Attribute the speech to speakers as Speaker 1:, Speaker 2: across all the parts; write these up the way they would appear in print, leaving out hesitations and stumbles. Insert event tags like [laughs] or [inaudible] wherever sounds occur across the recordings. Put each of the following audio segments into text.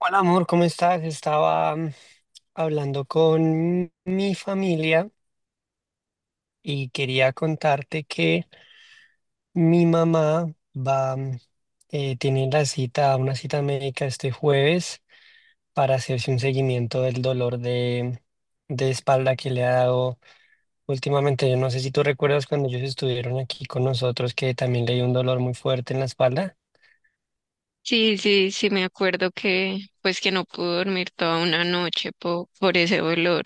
Speaker 1: Hola amor, ¿cómo estás? Estaba hablando con mi familia y quería contarte que mi mamá va, tiene la cita, una cita médica este jueves para hacerse un seguimiento del dolor de espalda que le ha dado últimamente. Yo no sé si tú recuerdas cuando ellos estuvieron aquí con nosotros que también le dio un dolor muy fuerte en la espalda.
Speaker 2: Sí, sí, sí, me acuerdo que pues que no pude dormir toda una noche por ese olor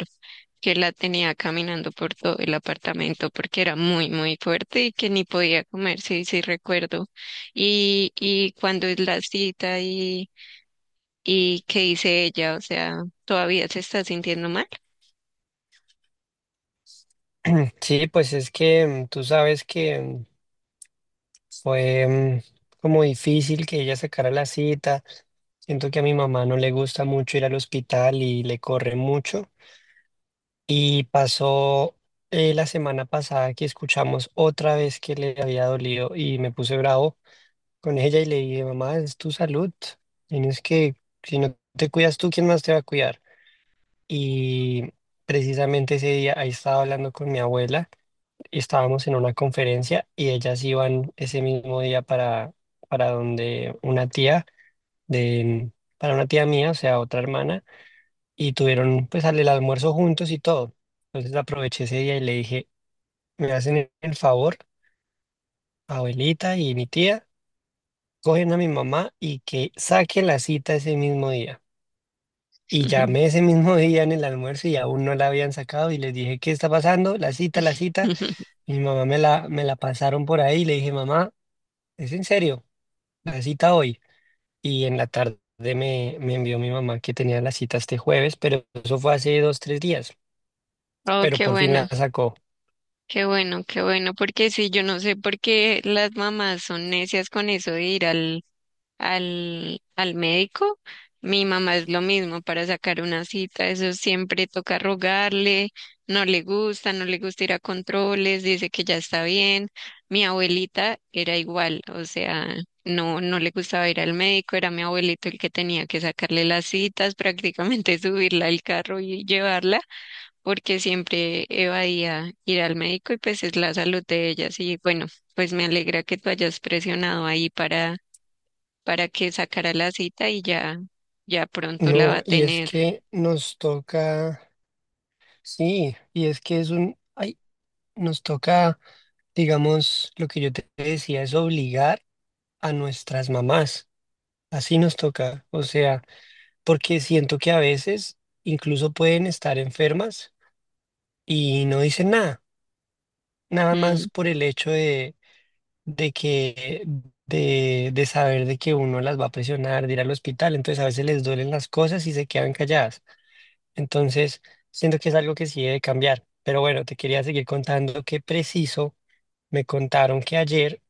Speaker 2: que la tenía caminando por todo el apartamento porque era muy, muy fuerte y que ni podía comer, sí, sí recuerdo. Y cuando es la cita y qué dice ella, o sea, ¿todavía se está sintiendo mal?
Speaker 1: Sí, pues es que tú sabes que fue como difícil que ella sacara la cita. Siento que a mi mamá no le gusta mucho ir al hospital y le corre mucho. Y pasó la semana pasada que escuchamos otra vez que le había dolido y me puse bravo con ella y le dije, mamá, es tu salud. Tienes que, si no te cuidas tú, ¿quién más te va a cuidar? Y precisamente ese día ahí estaba hablando con mi abuela y estábamos en una conferencia y ellas iban ese mismo día para donde una tía de, para una tía mía, o sea, otra hermana, y tuvieron pues el almuerzo juntos y todo. Entonces aproveché ese día y le dije, me hacen el favor, abuelita y mi tía, cogen a mi mamá y que saque la cita ese mismo día. Y llamé ese mismo [laughs] día en el almuerzo y aún no la habían sacado y les dije, ¿qué está pasando? La cita, la cita.
Speaker 2: [laughs]
Speaker 1: Mi mamá me la pasaron por ahí y le dije, mamá, ¿es en serio? La cita hoy. Y en la tarde me envió mi mamá que tenía la cita este jueves, pero eso fue hace dos, tres días,
Speaker 2: Oh,
Speaker 1: pero
Speaker 2: qué
Speaker 1: por fin
Speaker 2: bueno,
Speaker 1: la sacó.
Speaker 2: qué bueno, qué bueno, porque sí, yo no sé por qué las mamás son necias con eso de ir al al médico. Mi mamá es lo mismo para sacar una cita, eso siempre toca rogarle, no le gusta, no le gusta ir a controles, dice que ya está bien. Mi abuelita era igual, o sea, no le gustaba ir al médico, era mi abuelito el que tenía que sacarle las citas, prácticamente [laughs] subirla al carro y llevarla, porque siempre evadía ir al médico y pues es la salud de ellas. Y bueno, pues me alegra que tú hayas presionado ahí para que sacara la cita y ya, ya pronto la va
Speaker 1: No,
Speaker 2: a
Speaker 1: y es
Speaker 2: tener.
Speaker 1: que nos toca, sí, y es que es un, ay, nos toca, digamos, lo que yo te decía, es obligar a nuestras mamás. Así nos toca, o sea, porque siento que a veces incluso pueden estar enfermas y no dicen nada, nada más
Speaker 2: Mm,
Speaker 1: por el hecho de que de saber de que uno las va a presionar, de ir al hospital, entonces a veces les duelen las cosas y se quedan calladas. Entonces, siento que es algo que sí debe cambiar. Pero bueno, te quería seguir contando que preciso me contaron que ayer,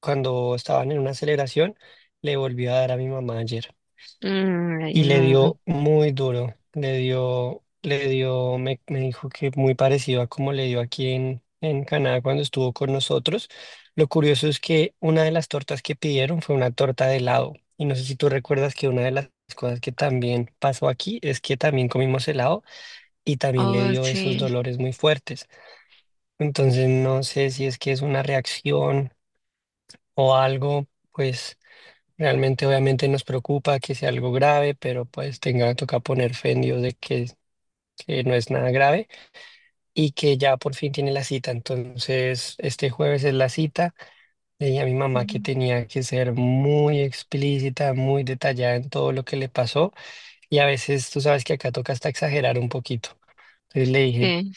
Speaker 1: cuando estaban en una celebración, le volvió a dar a mi mamá ayer
Speaker 2: Ay,
Speaker 1: y le
Speaker 2: no.
Speaker 1: dio muy duro, le dio, me dijo que muy parecido a como le dio aquí en Canadá cuando estuvo con nosotros. Lo curioso es que una de las tortas que pidieron fue una torta de helado. Y no sé si tú recuerdas que una de las cosas que también pasó aquí es que también comimos helado y también le
Speaker 2: Oh,
Speaker 1: dio esos
Speaker 2: sí.
Speaker 1: dolores muy fuertes. Entonces no sé si es que es una reacción o algo, pues realmente, obviamente nos preocupa que sea algo grave, pero pues tenga, toca poner fe en Dios de que no es nada grave y que ya por fin tiene la cita. Entonces, este jueves es la cita. Le dije a mi mamá que
Speaker 2: mm,
Speaker 1: tenía que ser muy explícita, muy detallada en todo lo que le pasó y a veces tú sabes que acá toca hasta exagerar un poquito. Entonces le dije,
Speaker 2: Sí,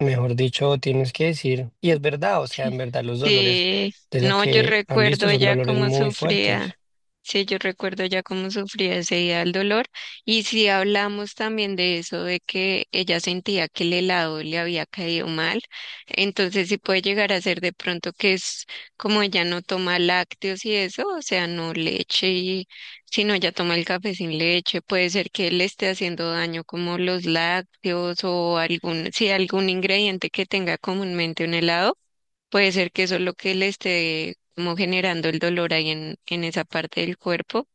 Speaker 1: mejor dicho, tienes que decir, y es verdad, o sea, en verdad los dolores
Speaker 2: sí.
Speaker 1: de lo
Speaker 2: No, yo
Speaker 1: que han visto
Speaker 2: recuerdo
Speaker 1: son
Speaker 2: ella
Speaker 1: dolores
Speaker 2: cómo
Speaker 1: muy
Speaker 2: sufría.
Speaker 1: fuertes.
Speaker 2: Sí, yo recuerdo ya cómo sufría ese día el dolor. Y si hablamos también de eso, de que ella sentía que el helado le había caído mal, entonces sí puede llegar a ser de pronto que es como ella no toma lácteos y eso, o sea, no leche y sino ella toma el café sin leche, puede ser que le esté haciendo daño como los lácteos o algún, sí, algún ingrediente que tenga comúnmente un helado. Puede ser que eso es lo que le esté como generando el dolor ahí en esa parte del cuerpo.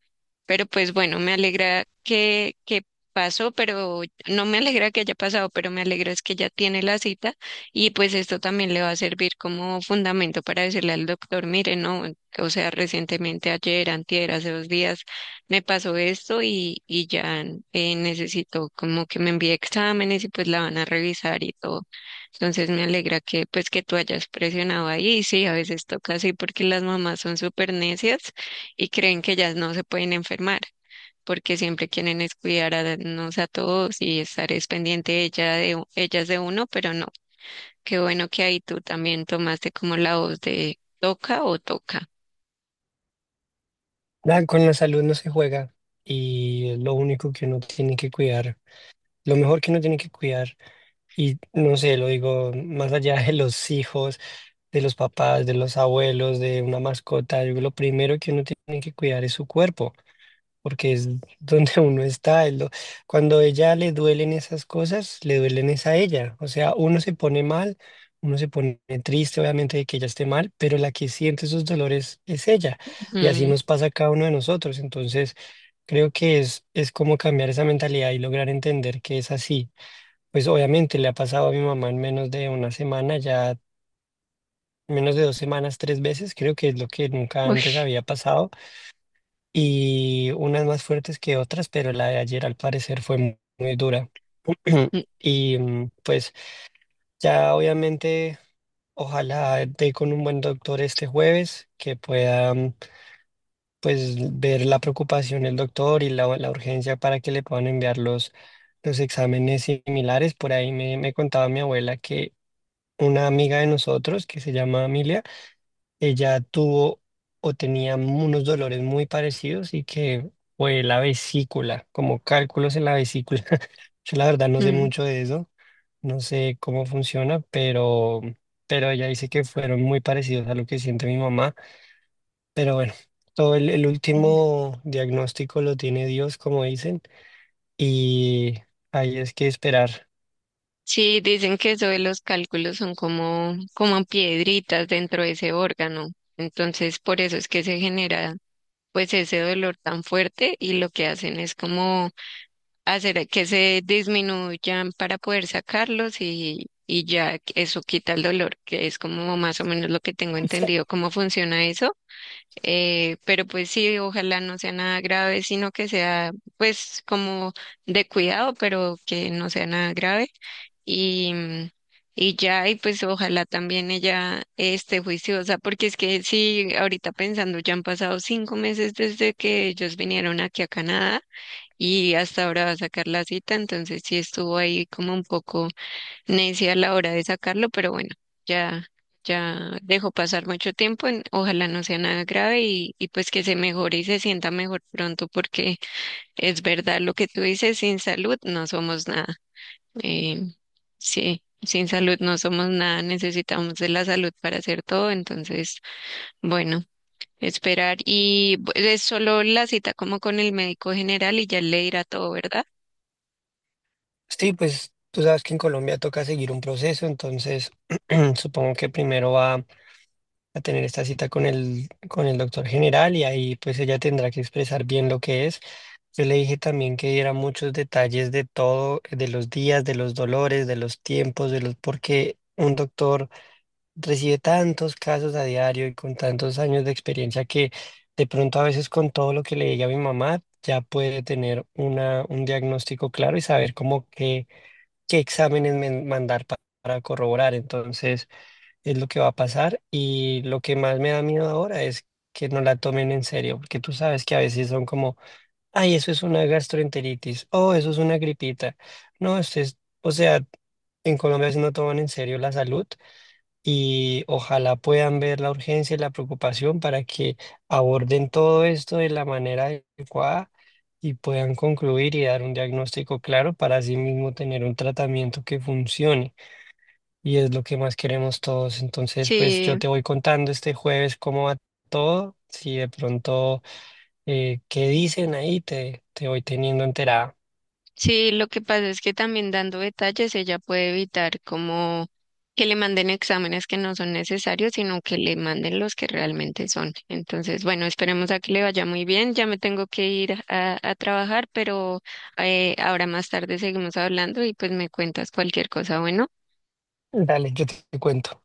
Speaker 2: Pero pues bueno, me alegra que pasó, pero no me alegra que haya pasado, pero me alegra es que ya tiene la cita y pues esto también le va a servir como fundamento para decirle al doctor, mire, no, o sea, recientemente ayer, antier, hace dos días me pasó esto y ya necesito como que me envíe exámenes y pues la van a revisar y todo. Entonces me alegra que pues que tú hayas presionado ahí, sí, a veces toca así porque las mamás son súper necias y creen que ellas no se pueden enfermar, porque siempre quieren es cuidar a nos a todos y estar es pendiente ella de, ellas de uno, pero no. Qué bueno que ahí tú también tomaste como la voz de toca o toca.
Speaker 1: Nada, con la salud no se juega y es lo único que uno tiene que cuidar, lo mejor que uno tiene que cuidar. Y no sé, lo digo más allá de los hijos, de los papás, de los abuelos, de una mascota. Yo creo que lo primero que uno tiene que cuidar es su cuerpo porque es donde [laughs] uno está. Cuando a ella le duelen esas cosas, le duelen es a ella. O sea, uno se pone mal, uno se pone triste, obviamente, de que ella esté mal, pero la que siente esos dolores es ella. Y así
Speaker 2: Mm,
Speaker 1: nos pasa a cada uno de nosotros. Entonces, creo que es como cambiar esa mentalidad y lograr entender que es así. Pues obviamente le ha pasado a mi mamá en menos de una semana, ya menos de dos semanas, tres veces, creo que es lo que nunca
Speaker 2: uy,
Speaker 1: antes había pasado, y unas más fuertes que otras, pero la de ayer al parecer fue muy dura. [clears throat]
Speaker 2: mm,
Speaker 1: Y pues ya obviamente ojalá dé con un buen doctor este jueves que pueda pues ver la preocupación del doctor y la urgencia para que le puedan enviar los exámenes similares. Por ahí me contaba mi abuela que una amiga de nosotros que se llama Amelia, ella tuvo o tenía unos dolores muy parecidos y que fue la vesícula, como cálculos en la vesícula. [laughs] Yo la verdad no sé
Speaker 2: mm,
Speaker 1: mucho de eso, no sé cómo funciona, pero ella dice que fueron muy parecidos a lo que siente mi mamá. Pero bueno, todo el
Speaker 2: mm.
Speaker 1: último diagnóstico lo tiene Dios, como dicen, y ahí es que esperar.
Speaker 2: Sí, dicen que eso de los cálculos son como, como piedritas dentro de ese órgano. Entonces, por eso es que se genera pues ese dolor tan fuerte y lo que hacen es como hacer que se disminuyan para poder sacarlos y ya eso quita el dolor, que es como más o menos lo que tengo entendido cómo funciona eso. Pero pues sí, ojalá no sea nada grave, sino que sea pues como de cuidado, pero que no sea nada grave. Y, mm, y ya, y pues ojalá también ella esté juiciosa, porque es que sí, ahorita pensando, ya han pasado 5 meses desde que ellos vinieron aquí a Canadá y hasta ahora va a sacar la cita, entonces sí estuvo ahí como un poco necia a la hora de sacarlo, pero bueno, ya, ya dejó pasar mucho tiempo, ojalá no sea nada grave y pues que se mejore y se sienta mejor pronto, porque es verdad lo que tú dices, sin salud no somos nada. Eh, sí, sin salud no somos nada, necesitamos de la salud para hacer todo, entonces, bueno. Esperar y es solo la cita como con el médico general y ya le dirá todo, ¿verdad?
Speaker 1: Sí, pues tú sabes que en Colombia toca seguir un proceso, entonces [clears throat] supongo que primero va a tener esta cita con el doctor general y ahí pues ella tendrá que expresar bien lo que es. Yo le dije también que diera muchos detalles de todo, de los días, de los dolores, de los tiempos, de los, porque un doctor recibe tantos casos a diario y con tantos años de experiencia que de pronto a veces con todo lo que le diga a mi mamá ya puede tener una, un diagnóstico claro y saber cómo qué, qué exámenes mandar para corroborar. Entonces es lo que va a pasar, y lo que más me da miedo ahora es que no la tomen en serio, porque tú sabes que a veces son como, ay, eso es una gastroenteritis, oh, eso es una gripita. No, esto es, o sea, en Colombia sí no toman en serio la salud y ojalá puedan ver la urgencia y la preocupación para que aborden todo esto de la manera adecuada y puedan concluir y dar un diagnóstico claro para así mismo tener un tratamiento que funcione, y es lo que más queremos todos. Entonces, pues yo
Speaker 2: Sí,
Speaker 1: te voy contando este jueves cómo va todo. Si de pronto, qué dicen ahí, te voy teniendo enterada.
Speaker 2: sí, lo que pasa es que también dando detalles ella puede evitar como que le manden exámenes que no son necesarios, sino que le manden los que realmente son. Entonces, bueno, esperemos a que le vaya muy bien. Ya me tengo que ir a trabajar, pero ahora más tarde seguimos hablando y pues me cuentas cualquier cosa. Bueno.
Speaker 1: Dale, yo te cuento.